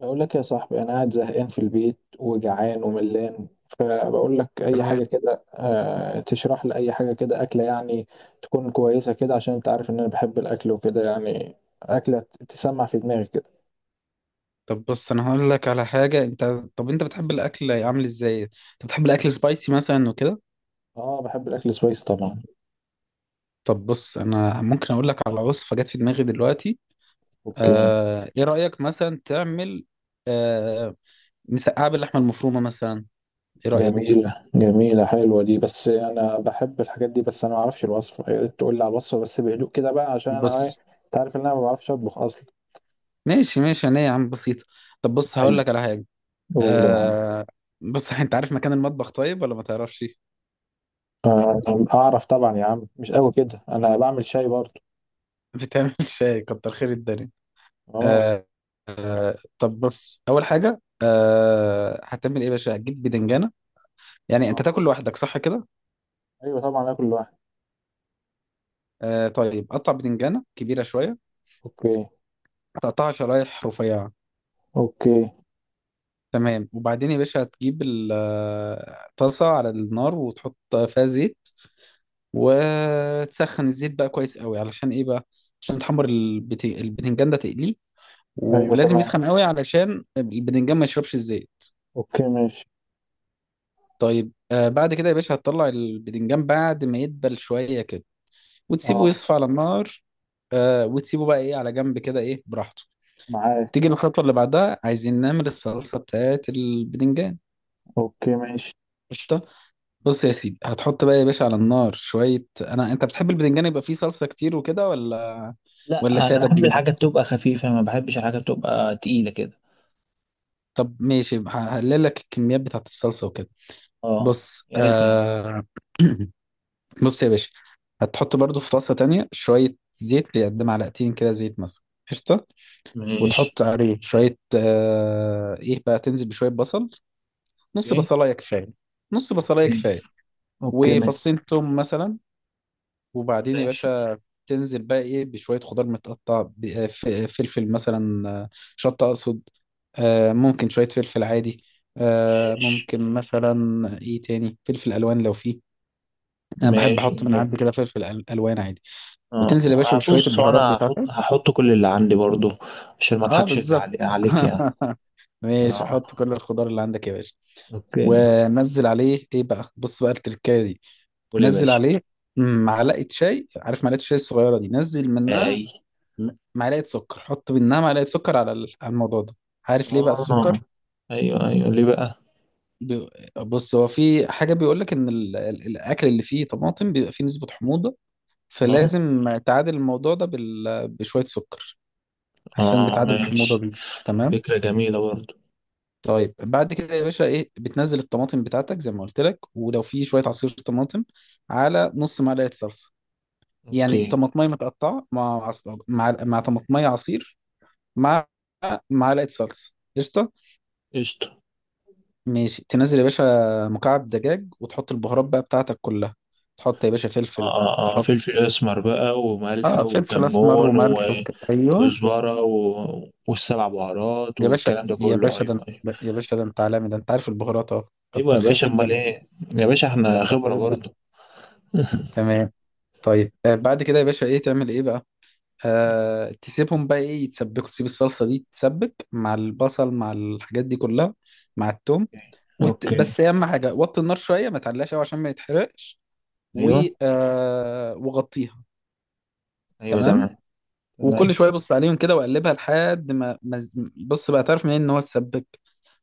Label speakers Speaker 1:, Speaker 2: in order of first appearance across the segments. Speaker 1: بقول لك يا صاحبي، انا قاعد زهقان في البيت وجعان وملان. فبقول لك اي حاجه
Speaker 2: تمام.
Speaker 1: كده، تشرح لي اي حاجه كده اكله يعني، تكون كويسه كده. عشان انت عارف ان انا بحب الاكل وكده يعني. اكله تسمع في دماغي كده.
Speaker 2: طب بص انا هقول لك على حاجه انت طب انت بتحب الاكل عامل ازاي؟ انت بتحب الاكل سبايسي مثلا وكده؟
Speaker 1: اه، بحب الاكل سويس طبعا.
Speaker 2: طب بص، انا ممكن اقول لك على وصفه جت في دماغي دلوقتي.
Speaker 1: اوكي.
Speaker 2: ايه رايك مثلا تعمل آه... مسقعه باللحمه المفرومه مثلا؟ ايه رايك؟
Speaker 1: جميله جميله، حلوه دي. بس انا بحب الحاجات دي. بس انا ما اعرفش الوصفه، يا ريت تقول لي على الوصفه بس بهدوء كده بقى، عشان انا ايه،
Speaker 2: بص.
Speaker 1: انت عارف ان انا ما بعرفش اطبخ اصلا.
Speaker 2: ماشي ماشي، انا يا عم بسيطه. طب بص، هقول
Speaker 1: ايوه،
Speaker 2: لك على حاجه.
Speaker 1: قول يا معلم.
Speaker 2: آه... بص انت عارف مكان المطبخ طيب ولا ما تعرفش؟
Speaker 1: آه، اعرف طبعا يا عم، مش قوي كده، انا بعمل شاي برضه.
Speaker 2: بتعمل شاي، كتر خير الدنيا.
Speaker 1: اه.
Speaker 2: آه طب بص، اول حاجه هتعمل ايه يا باشا؟ هتجيب بدنجانه. يعني انت تاكل لوحدك صح كده؟
Speaker 1: ايوه طبعا، اكل لوحدي.
Speaker 2: طيب، قطع بدنجانه كبيره شويه،
Speaker 1: اوكي.
Speaker 2: تقطعها شرايح رفيعه.
Speaker 1: اوكي.
Speaker 2: تمام، وبعدين يا باشا هتجيب الطاسه على النار وتحط فيها زيت، وتسخن الزيت بقى كويس قوي. علشان ايه بقى؟ عشان تحمر البتنجان ده تقليه.
Speaker 1: ايوه
Speaker 2: ولازم
Speaker 1: تمام.
Speaker 2: يسخن قوي علشان البتنجان ما يشربش الزيت.
Speaker 1: اوكي ماشي.
Speaker 2: طيب بعد كده يا باشا هتطلع البتنجان بعد ما يدبل شويه كده، وتسيبه
Speaker 1: اه.
Speaker 2: يصفى على النار. وتسيبه بقى ايه على جنب كده، ايه، براحته.
Speaker 1: معاك.
Speaker 2: تيجي الخطوة اللي بعدها، عايزين نعمل الصلصة بتاعت البدنجان.
Speaker 1: اوكي ماشي.
Speaker 2: قشطة. بص يا سيدي، هتحط بقى يا باشا على النار شوية. انت بتحب البدنجان يبقى فيه صلصة كتير وكده، ولا
Speaker 1: لا، انا
Speaker 2: سادة
Speaker 1: بحب
Speaker 2: بدنجان؟
Speaker 1: الحاجات تبقى خفيفه، ما بحبش الحاجات تبقى تقيله كده.
Speaker 2: طب ماشي، هقلل لك الكميات بتاعت الصلصة وكده.
Speaker 1: اه،
Speaker 2: بص،
Speaker 1: يا ريت يعني.
Speaker 2: بص يا باشا، هتحط برضو في طاسة تانية شوية زيت، قد معلقتين كده، زيت مثلا. قشطة.
Speaker 1: ماشي.
Speaker 2: وتحط عليه شوية آه إيه بقى تنزل بشوية بصل. نص
Speaker 1: اوكي.
Speaker 2: بصلاية كفاية، نص بصلاية
Speaker 1: اوكي.
Speaker 2: كفاية.
Speaker 1: اوكي
Speaker 2: وفصين توم مثلا. وبعدين يا
Speaker 1: ماشي.
Speaker 2: باشا تنزل بقى بشوية خضار متقطع، فلفل مثلا، شطة أقصد. ممكن شوية فلفل عادي.
Speaker 1: ماشي
Speaker 2: ممكن مثلا إيه تاني، فلفل ألوان لو فيه. أنا بحب
Speaker 1: ماشي
Speaker 2: أحط من
Speaker 1: ماشي.
Speaker 2: عندي كده فلفل ألوان عادي. وتنزل يا باشا
Speaker 1: اه
Speaker 2: بشوية
Speaker 1: بص،
Speaker 2: البهارات
Speaker 1: انا
Speaker 2: بتاعتك.
Speaker 1: هحط كل اللي عندي برضو، عشان ما
Speaker 2: أه
Speaker 1: اضحكش
Speaker 2: بالظبط.
Speaker 1: عليك يعني.
Speaker 2: ماشي،
Speaker 1: اه.
Speaker 2: حط كل الخضار اللي عندك يا باشا.
Speaker 1: اوكي.
Speaker 2: ونزل عليه ايه بقى؟ بص بقى التركايه دي.
Speaker 1: قول يا
Speaker 2: نزل
Speaker 1: باشا.
Speaker 2: عليه معلقه شاي، عارف معلقه الشاي الصغيره دي؟ نزل
Speaker 1: اي.
Speaker 2: منها معلقه سكر. حط منها معلقه سكر على على الموضوع ده. عارف ليه بقى السكر؟
Speaker 1: اه. ايوه ايوه، ليه بقى.
Speaker 2: بي- بص، هو في حاجه بيقول لك ان الاكل اللي فيه طماطم بيبقى فيه نسبه حموضه،
Speaker 1: اه.
Speaker 2: فلازم تعادل الموضوع ده بشويه سكر، عشان
Speaker 1: اه
Speaker 2: بتعادل الحموضه
Speaker 1: ماشي،
Speaker 2: دي. تمام.
Speaker 1: فكرة جميلة برضو.
Speaker 2: طيب بعد كده يا باشا ايه، بتنزل الطماطم بتاعتك زي ما قلت لك، ولو في شويه عصير طماطم على نص معلقه صلصه. يعني
Speaker 1: اوكي.
Speaker 2: طماطميه متقطعه مع مع طماطميه عصير مع معلقه صلصه. قشطه.
Speaker 1: قشطة.
Speaker 2: ماشي، تنزل يا باشا مكعب دجاج، وتحط البهارات بقى بتاعتك كلها. تحط يا باشا
Speaker 1: اه
Speaker 2: فلفل،
Speaker 1: اه اه،
Speaker 2: تحط،
Speaker 1: فلفل اسمر بقى وملح
Speaker 2: اه فلفل اسمر
Speaker 1: وكمون
Speaker 2: وملح ايوه.
Speaker 1: وكزبرة والسبع بهارات
Speaker 2: يا باشا
Speaker 1: والكلام ده
Speaker 2: يا
Speaker 1: كله.
Speaker 2: باشا،
Speaker 1: ايوه ايوه
Speaker 2: يا باشا ده انت عالمي، ده انت عارف البهارات، اه
Speaker 1: ايوه
Speaker 2: كتر
Speaker 1: يا
Speaker 2: خير
Speaker 1: باشا، امال
Speaker 2: الدنيا.
Speaker 1: ايه. يا باشا احنا
Speaker 2: كتر
Speaker 1: خبرة
Speaker 2: خير الدنيا.
Speaker 1: برضو.
Speaker 2: تمام. طيب، بعد كده يا باشا ايه تعمل ايه بقى؟
Speaker 1: اوكي.
Speaker 2: تسيبهم بقى ايه يتسبكوا. تسيب الصلصه دي تتسبك مع البصل مع الحاجات دي كلها، مع التوم.
Speaker 1: اوكي.
Speaker 2: بس اهم حاجه، وطي النار شويه، ما تعلاش قوي عشان ما يتحرقش. و...
Speaker 1: ايوه
Speaker 2: وغطيها.
Speaker 1: ايوه،
Speaker 2: تمام.
Speaker 1: تمام تمام.
Speaker 2: وكل شويه بص عليهم كده وقلبها لحد ما ما ز- بص بقى، تعرف منين ان هو اتسبك؟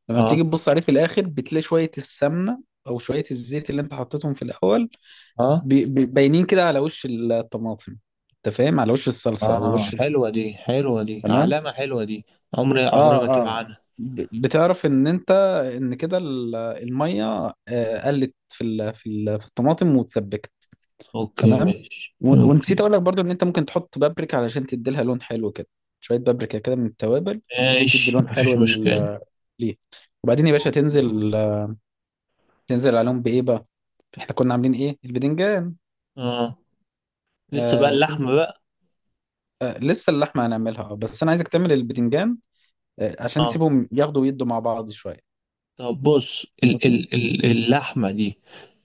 Speaker 2: لما بتيجي
Speaker 1: اه
Speaker 2: تبص عليه في الاخر بتلاقي شويه السمنه او شويه الزيت اللي انت حطيتهم في الاول
Speaker 1: اه
Speaker 2: باينين كده على وش الطماطم. انت فاهم، على وش الصلصه او
Speaker 1: اه،
Speaker 2: وش.
Speaker 1: حلوة دي حلوة دي،
Speaker 2: تمام.
Speaker 1: علامة حلوة دي. عمري عمري ما
Speaker 2: اه
Speaker 1: تقع
Speaker 2: اه،
Speaker 1: عنها.
Speaker 2: بتعرف ان انت، ان كده الميه، قلت في الطماطم واتسبكت.
Speaker 1: اوكي
Speaker 2: تمام.
Speaker 1: ماشي.
Speaker 2: ونسيت
Speaker 1: اوكي
Speaker 2: اقول لك برضو ان انت ممكن تحط بابريكا علشان تدي لها لون حلو كده، شويه بابريكا كده من التوابل، بتدي
Speaker 1: ماشي،
Speaker 2: لون حلو
Speaker 1: مفيش مشكلة.
Speaker 2: ليه. وبعدين يا باشا
Speaker 1: اوكي.
Speaker 2: تنزل، تنزل عليهم بايه بقى؟ احنا كنا عاملين ايه؟ البدنجان.
Speaker 1: اه، لسه بقى
Speaker 2: آه تنزل
Speaker 1: اللحمة بقى.
Speaker 2: لسه اللحمه هنعملها، بس انا عايزك تعمل البدنجان، عشان
Speaker 1: اه
Speaker 2: تسيبهم ياخدوا ويدوا مع بعض.
Speaker 1: طب بص، ال
Speaker 2: شويه.
Speaker 1: ال ال اللحمة دي،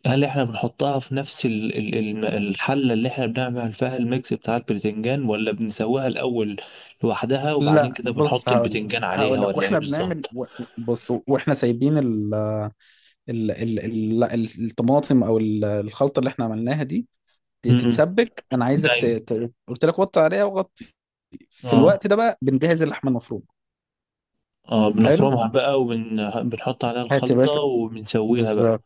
Speaker 1: هل احنا بنحطها في نفس ال الحلة اللي احنا بنعمل فيها الميكس بتاع البتنجان، ولا بنسويها الأول لوحدها وبعدين
Speaker 2: لا
Speaker 1: كده
Speaker 2: بص
Speaker 1: بنحط
Speaker 2: هقول لك،
Speaker 1: البتنجان عليها،
Speaker 2: هقول لك
Speaker 1: ولا ايه
Speaker 2: واحنا بنعمل
Speaker 1: بالظبط؟
Speaker 2: بص واحنا سايبين ال ال ال ال ال- الطماطم، او الخلطه اللي احنا عملناها دي
Speaker 1: امم،
Speaker 2: تتسبك. انا عايزك
Speaker 1: ايوه.
Speaker 2: قلت لك وطي عليها وغطي. في
Speaker 1: اه
Speaker 2: الوقت ده بقى بنجهز اللحمه المفرومه.
Speaker 1: اه،
Speaker 2: حلو.
Speaker 1: بنفرمها بقى وبنحط عليها
Speaker 2: هات يا
Speaker 1: الخلطة
Speaker 2: باشا،
Speaker 1: وبنسويها بقى.
Speaker 2: بالظبط.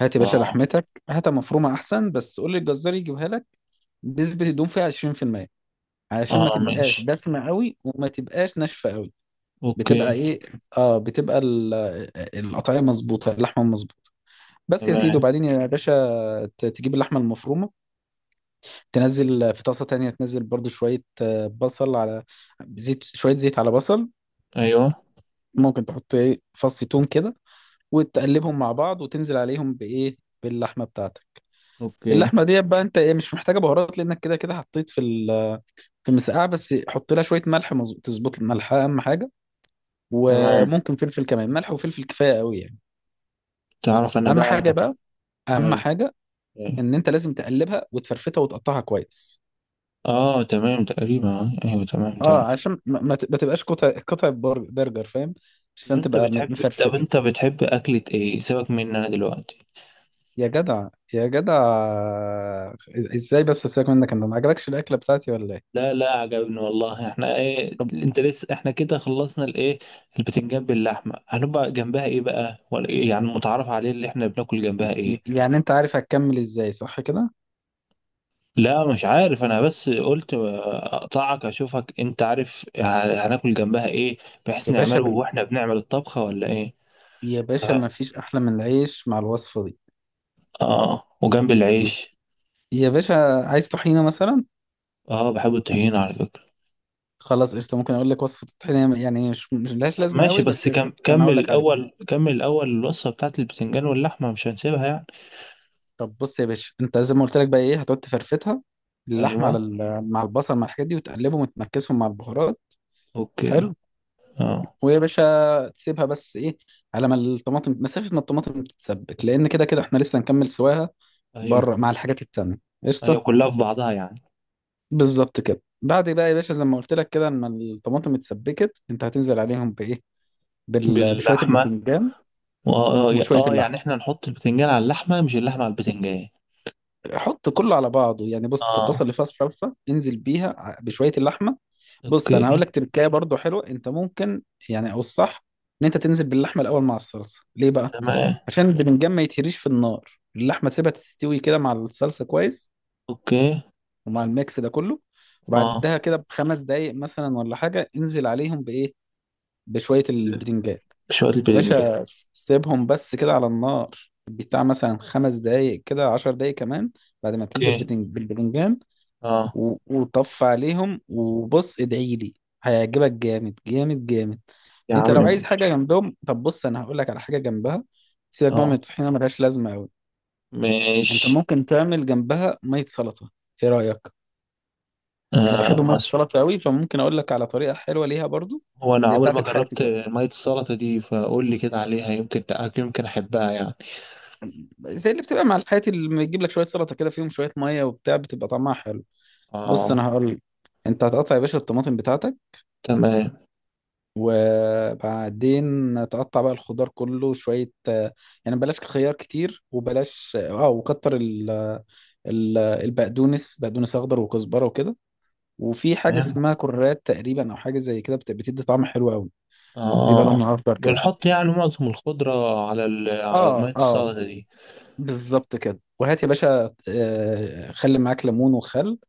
Speaker 2: هات يا باشا
Speaker 1: اه.
Speaker 2: لحمتك، هاتها مفرومه احسن، بس قول للجزار يجيبها لك. نسبه الدهون فيها 20%، علشان ما
Speaker 1: اه
Speaker 2: تبقاش
Speaker 1: ماشي.
Speaker 2: دسمه قوي وما تبقاش ناشفه قوي. بتبقى
Speaker 1: اوكي.
Speaker 2: ايه؟ اه بتبقى القطعيه مظبوطه، اللحمه مظبوطه. بس يا سيدي.
Speaker 1: تمام.
Speaker 2: وبعدين يا باشا تجيب اللحمه المفرومه، تنزل في طاسه تانية، تنزل برضو شويه بصل على زيت، شويه زيت على بصل.
Speaker 1: ايوه.
Speaker 2: ممكن تحط ايه فص ثوم كده، وتقلبهم مع بعض، وتنزل عليهم بايه؟ باللحمه بتاعتك.
Speaker 1: اوكي.
Speaker 2: اللحمه دي بقى انت ايه، مش محتاجه بهارات لانك كده كده حطيت في المسقعه، بس حط لها شويه ملح، تظبط الملح اهم حاجه.
Speaker 1: تمام.
Speaker 2: وممكن فلفل كمان، ملح وفلفل كفايه قوي يعني.
Speaker 1: تعرف انا
Speaker 2: اهم حاجه
Speaker 1: بقى.
Speaker 2: بقى،
Speaker 1: انا
Speaker 2: اهم
Speaker 1: ايوه.
Speaker 2: حاجه،
Speaker 1: أيوة.
Speaker 2: ان انت لازم تقلبها وتفرفتها وتقطعها كويس.
Speaker 1: اه تمام تقريبا، ايوه تمام تمام.
Speaker 2: اه عشان ما تبقاش قطع قطع برجر، فاهم؟
Speaker 1: طب
Speaker 2: عشان
Speaker 1: انت
Speaker 2: تبقى
Speaker 1: بتحب طب
Speaker 2: مفرفته.
Speaker 1: انت بتحب اكلة ايه، سيبك مني انا دلوقتي.
Speaker 2: يا جدع، يا جدع، ازاي بس سيبك منك، انت ما عجبكش الاكله بتاعتي ولا ايه؟
Speaker 1: لا لا، عجبني والله. احنا ايه،
Speaker 2: طب
Speaker 1: انت لسه احنا كده خلصنا الايه. البتنجان باللحمة هنبقى جنبها ايه بقى، ولا إيه؟ يعني متعارف عليه اللي احنا بناكل جنبها ايه.
Speaker 2: يعني انت عارف هتكمل ازاي صح كده؟
Speaker 1: لا مش عارف انا، بس قلت اقطعك اشوفك انت عارف هناكل جنبها ايه، بحيث
Speaker 2: يا باشا
Speaker 1: نعمله
Speaker 2: بال...
Speaker 1: واحنا بنعمل الطبخة، ولا ايه.
Speaker 2: يا باشا ما
Speaker 1: طيب.
Speaker 2: فيش احلى من العيش مع الوصفه دي.
Speaker 1: اه وجنب العيش.
Speaker 2: يا باشا، عايز طحينه مثلا؟
Speaker 1: اه بحب الطحينة على فكرة.
Speaker 2: خلاص قشطه، ممكن اقول لك وصفه الطحينه، يعني مش لهاش
Speaker 1: طب
Speaker 2: لازمه
Speaker 1: ماشي،
Speaker 2: قوي،
Speaker 1: بس
Speaker 2: بس قشطه انا
Speaker 1: كمل
Speaker 2: هقول لك عليها.
Speaker 1: الأول كمل الأول الوصفة بتاعت البتنجان واللحمة مش هنسيبها يعني.
Speaker 2: طب بص يا باشا، انت زي ما قلت لك بقى ايه، هتقعد تفرفتها، اللحمه على
Speaker 1: أيوة.
Speaker 2: مع البصل مع الحاجات دي، وتقلبهم وتمكسهم مع البهارات.
Speaker 1: أوكي.
Speaker 2: حلو.
Speaker 1: اه.
Speaker 2: ويا باشا، تسيبها بس ايه، على ما الطماطم، مسافه ما الطماطم تتسبك، لان كده كده احنا لسه هنكمل سواها
Speaker 1: أيوة
Speaker 2: بره مع الحاجات التانية.
Speaker 1: أيوة،
Speaker 2: قشطه.
Speaker 1: كلها في بعضها يعني.
Speaker 2: بالظبط كده. بعد بقى يا باشا زي ما قلت لك كده، لما الطماطم اتسبكت، انت هتنزل عليهم بايه؟ بشويه
Speaker 1: باللحمة.
Speaker 2: الباذنجان وشويه اللحمه.
Speaker 1: يعني احنا نحط البتنجان على اللحمة، مش اللحمة على البتنجان.
Speaker 2: حط كله على بعضه يعني. بص في الطاسه
Speaker 1: اه.
Speaker 2: اللي فيها الصلصه، انزل بيها بشويه اللحمه. بص انا هقول
Speaker 1: أوكي
Speaker 2: لك تركايه برضو حلوه انت ممكن، يعني او الصح، ان انت تنزل باللحمه الاول مع الصلصه. ليه بقى؟
Speaker 1: تمام.
Speaker 2: عشان البتنجان ما يتهريش في النار، اللحمه تسيبها تستوي كده مع الصلصه كويس،
Speaker 1: أوكي.
Speaker 2: ومع الميكس ده كله.
Speaker 1: اه،
Speaker 2: وبعدها كده بخمس دقايق مثلا ولا حاجه انزل عليهم بايه؟ بشويه البتنجان.
Speaker 1: شوية
Speaker 2: يا
Speaker 1: البتنجان.
Speaker 2: باشا سيبهم بس كده على النار، بتاع مثلا خمس دقايق كده، عشر دقايق كمان، بعد ما تنزل
Speaker 1: أوكي.
Speaker 2: بالبتنجان.
Speaker 1: اه.
Speaker 2: وطف عليهم وبص ادعي لي، هيعجبك جامد جامد جامد.
Speaker 1: يا
Speaker 2: انت
Speaker 1: عم
Speaker 2: لو عايز
Speaker 1: ماشي.
Speaker 2: حاجه جنبهم، طب بص انا هقول لك على حاجه جنبها. سيبك بقى من
Speaker 1: اه
Speaker 2: الطحينه، ملهاش لازمه قوي. انت
Speaker 1: ماشي.
Speaker 2: ممكن تعمل جنبها ميه سلطه. ايه رايك؟ انا بحب
Speaker 1: آه
Speaker 2: ميه السلطه قوي، فممكن اقول لك على طريقه حلوه ليها برضو.
Speaker 1: هو انا
Speaker 2: زي
Speaker 1: عمري
Speaker 2: بتاعه
Speaker 1: ما
Speaker 2: الحياتي
Speaker 1: جربت
Speaker 2: كده،
Speaker 1: ميه السلطه دي، فقول لي كده عليها، يمكن تأكل يمكن احبها يعني.
Speaker 2: زي اللي بتبقى مع الحياتي اللي بيجيب لك شويه سلطه كده فيهم شويه ميه وبتاع، بتبقى طعمها حلو. بص
Speaker 1: اه.
Speaker 2: انا هقول لك، انت هتقطع يا باشا الطماطم بتاعتك،
Speaker 1: تمام
Speaker 2: وبعدين تقطع بقى الخضار كله شويه، يعني بلاش خيار كتير، وبلاش البقدونس، بقدونس اخضر وكزبره وكده. وفي حاجه
Speaker 1: تمام.
Speaker 2: اسمها كرات تقريبا، او حاجه زي كده بتدي طعم حلو قوي، بيبقى
Speaker 1: اه،
Speaker 2: لونها اخضر كده.
Speaker 1: بنحط يعني معظم الخضره على على ميه
Speaker 2: اه اه
Speaker 1: السلطه دي.
Speaker 2: بالظبط كده. وهات يا باشا، خلي معاك ليمون وخل،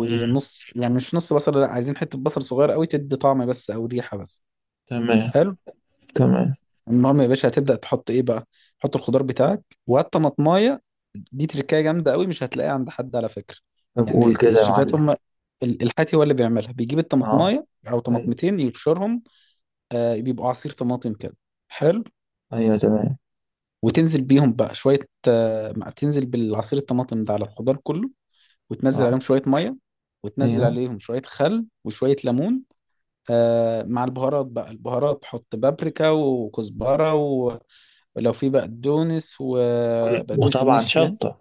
Speaker 1: مم.
Speaker 2: يعني مش نص بصل، لا، عايزين حته بصل صغير قوي تدي طعم بس او ريحه بس.
Speaker 1: تمام.
Speaker 2: حلو.
Speaker 1: تمام.
Speaker 2: المهم يا باشا هتبدأ تحط ايه بقى؟ تحط الخضار بتاعك، وهات طماطمايه. دي تركايه جامدة قوي، مش هتلاقيها عند حد على فكرة.
Speaker 1: طب قول
Speaker 2: يعني
Speaker 1: كده يا
Speaker 2: الشيفات
Speaker 1: معلم.
Speaker 2: هم الحاتي هو اللي بيعملها، بيجيب
Speaker 1: اه.
Speaker 2: الطماطمايه او
Speaker 1: ايوه
Speaker 2: طماطمتين يبشرهم. بيبقوا عصير طماطم كده. حلو.
Speaker 1: ايوه تمام.
Speaker 2: وتنزل بيهم بقى شوية، تنزل بالعصير الطماطم ده على الخضار كله. وتنزل
Speaker 1: اه.
Speaker 2: عليهم شوية مية، وتنزل
Speaker 1: ايوه،
Speaker 2: عليهم شوية خل وشوية ليمون. مع البهارات بقى، البهارات تحط بابريكا وكزبرة، ولو في بقدونس، وبقدونس
Speaker 1: وطبعا
Speaker 2: الناشف يعني.
Speaker 1: شطه.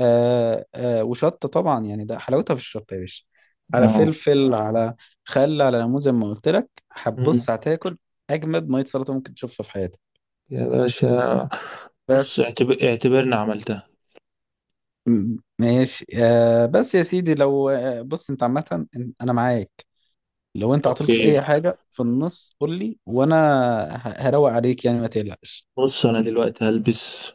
Speaker 2: آه آه وشطة طبعا، يعني ده حلاوتها في الشطة يا باشا، على
Speaker 1: اه.
Speaker 2: فلفل، على خل، على ليمون، زي ما قلت لك.
Speaker 1: مم.
Speaker 2: هتبص هتاكل أجمد مية سلطة ممكن تشوفها في حياتك.
Speaker 1: يا باشا. بص،
Speaker 2: بس
Speaker 1: اعتبرنا عملتها.
Speaker 2: ماشي، بس يا سيدي لو، بص أنت عامة أنا معاك. لو أنت عطلت في أي
Speaker 1: اوكي.
Speaker 2: حاجة في النص قول لي، وأنا هروق عليك يعني، ما تقلقش.
Speaker 1: بص انا دلوقتي هلبس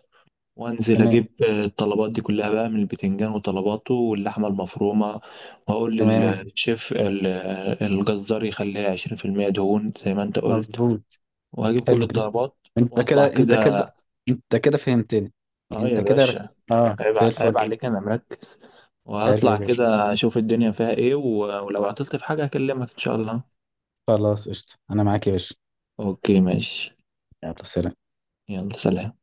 Speaker 1: وانزل
Speaker 2: تمام،
Speaker 1: اجيب الطلبات دي كلها بقى، من البتنجان وطلباته واللحمه المفرومه، واقول
Speaker 2: تمام،
Speaker 1: للشيف الجزار يخليها 20% دهون زي ما انت قلت،
Speaker 2: مظبوط.
Speaker 1: وهجيب كل
Speaker 2: حلو.
Speaker 1: الطلبات
Speaker 2: انت كده،
Speaker 1: واطلع
Speaker 2: انت كده،
Speaker 1: كده.
Speaker 2: انت كده فهمتني.
Speaker 1: اه
Speaker 2: انت
Speaker 1: يا
Speaker 2: كده،
Speaker 1: باشا.
Speaker 2: اه
Speaker 1: عيب
Speaker 2: زي
Speaker 1: عيب
Speaker 2: الفل.
Speaker 1: عليك، انا مركز.
Speaker 2: حلو يا
Speaker 1: وهطلع
Speaker 2: باشا،
Speaker 1: كده اشوف الدنيا فيها ايه، ولو عطلت في حاجه هكلمك ان شاء الله.
Speaker 2: خلاص قشطة، انا معاك يا باشا.
Speaker 1: اوكي ماشي.
Speaker 2: يلا سلام.
Speaker 1: يلا سلام.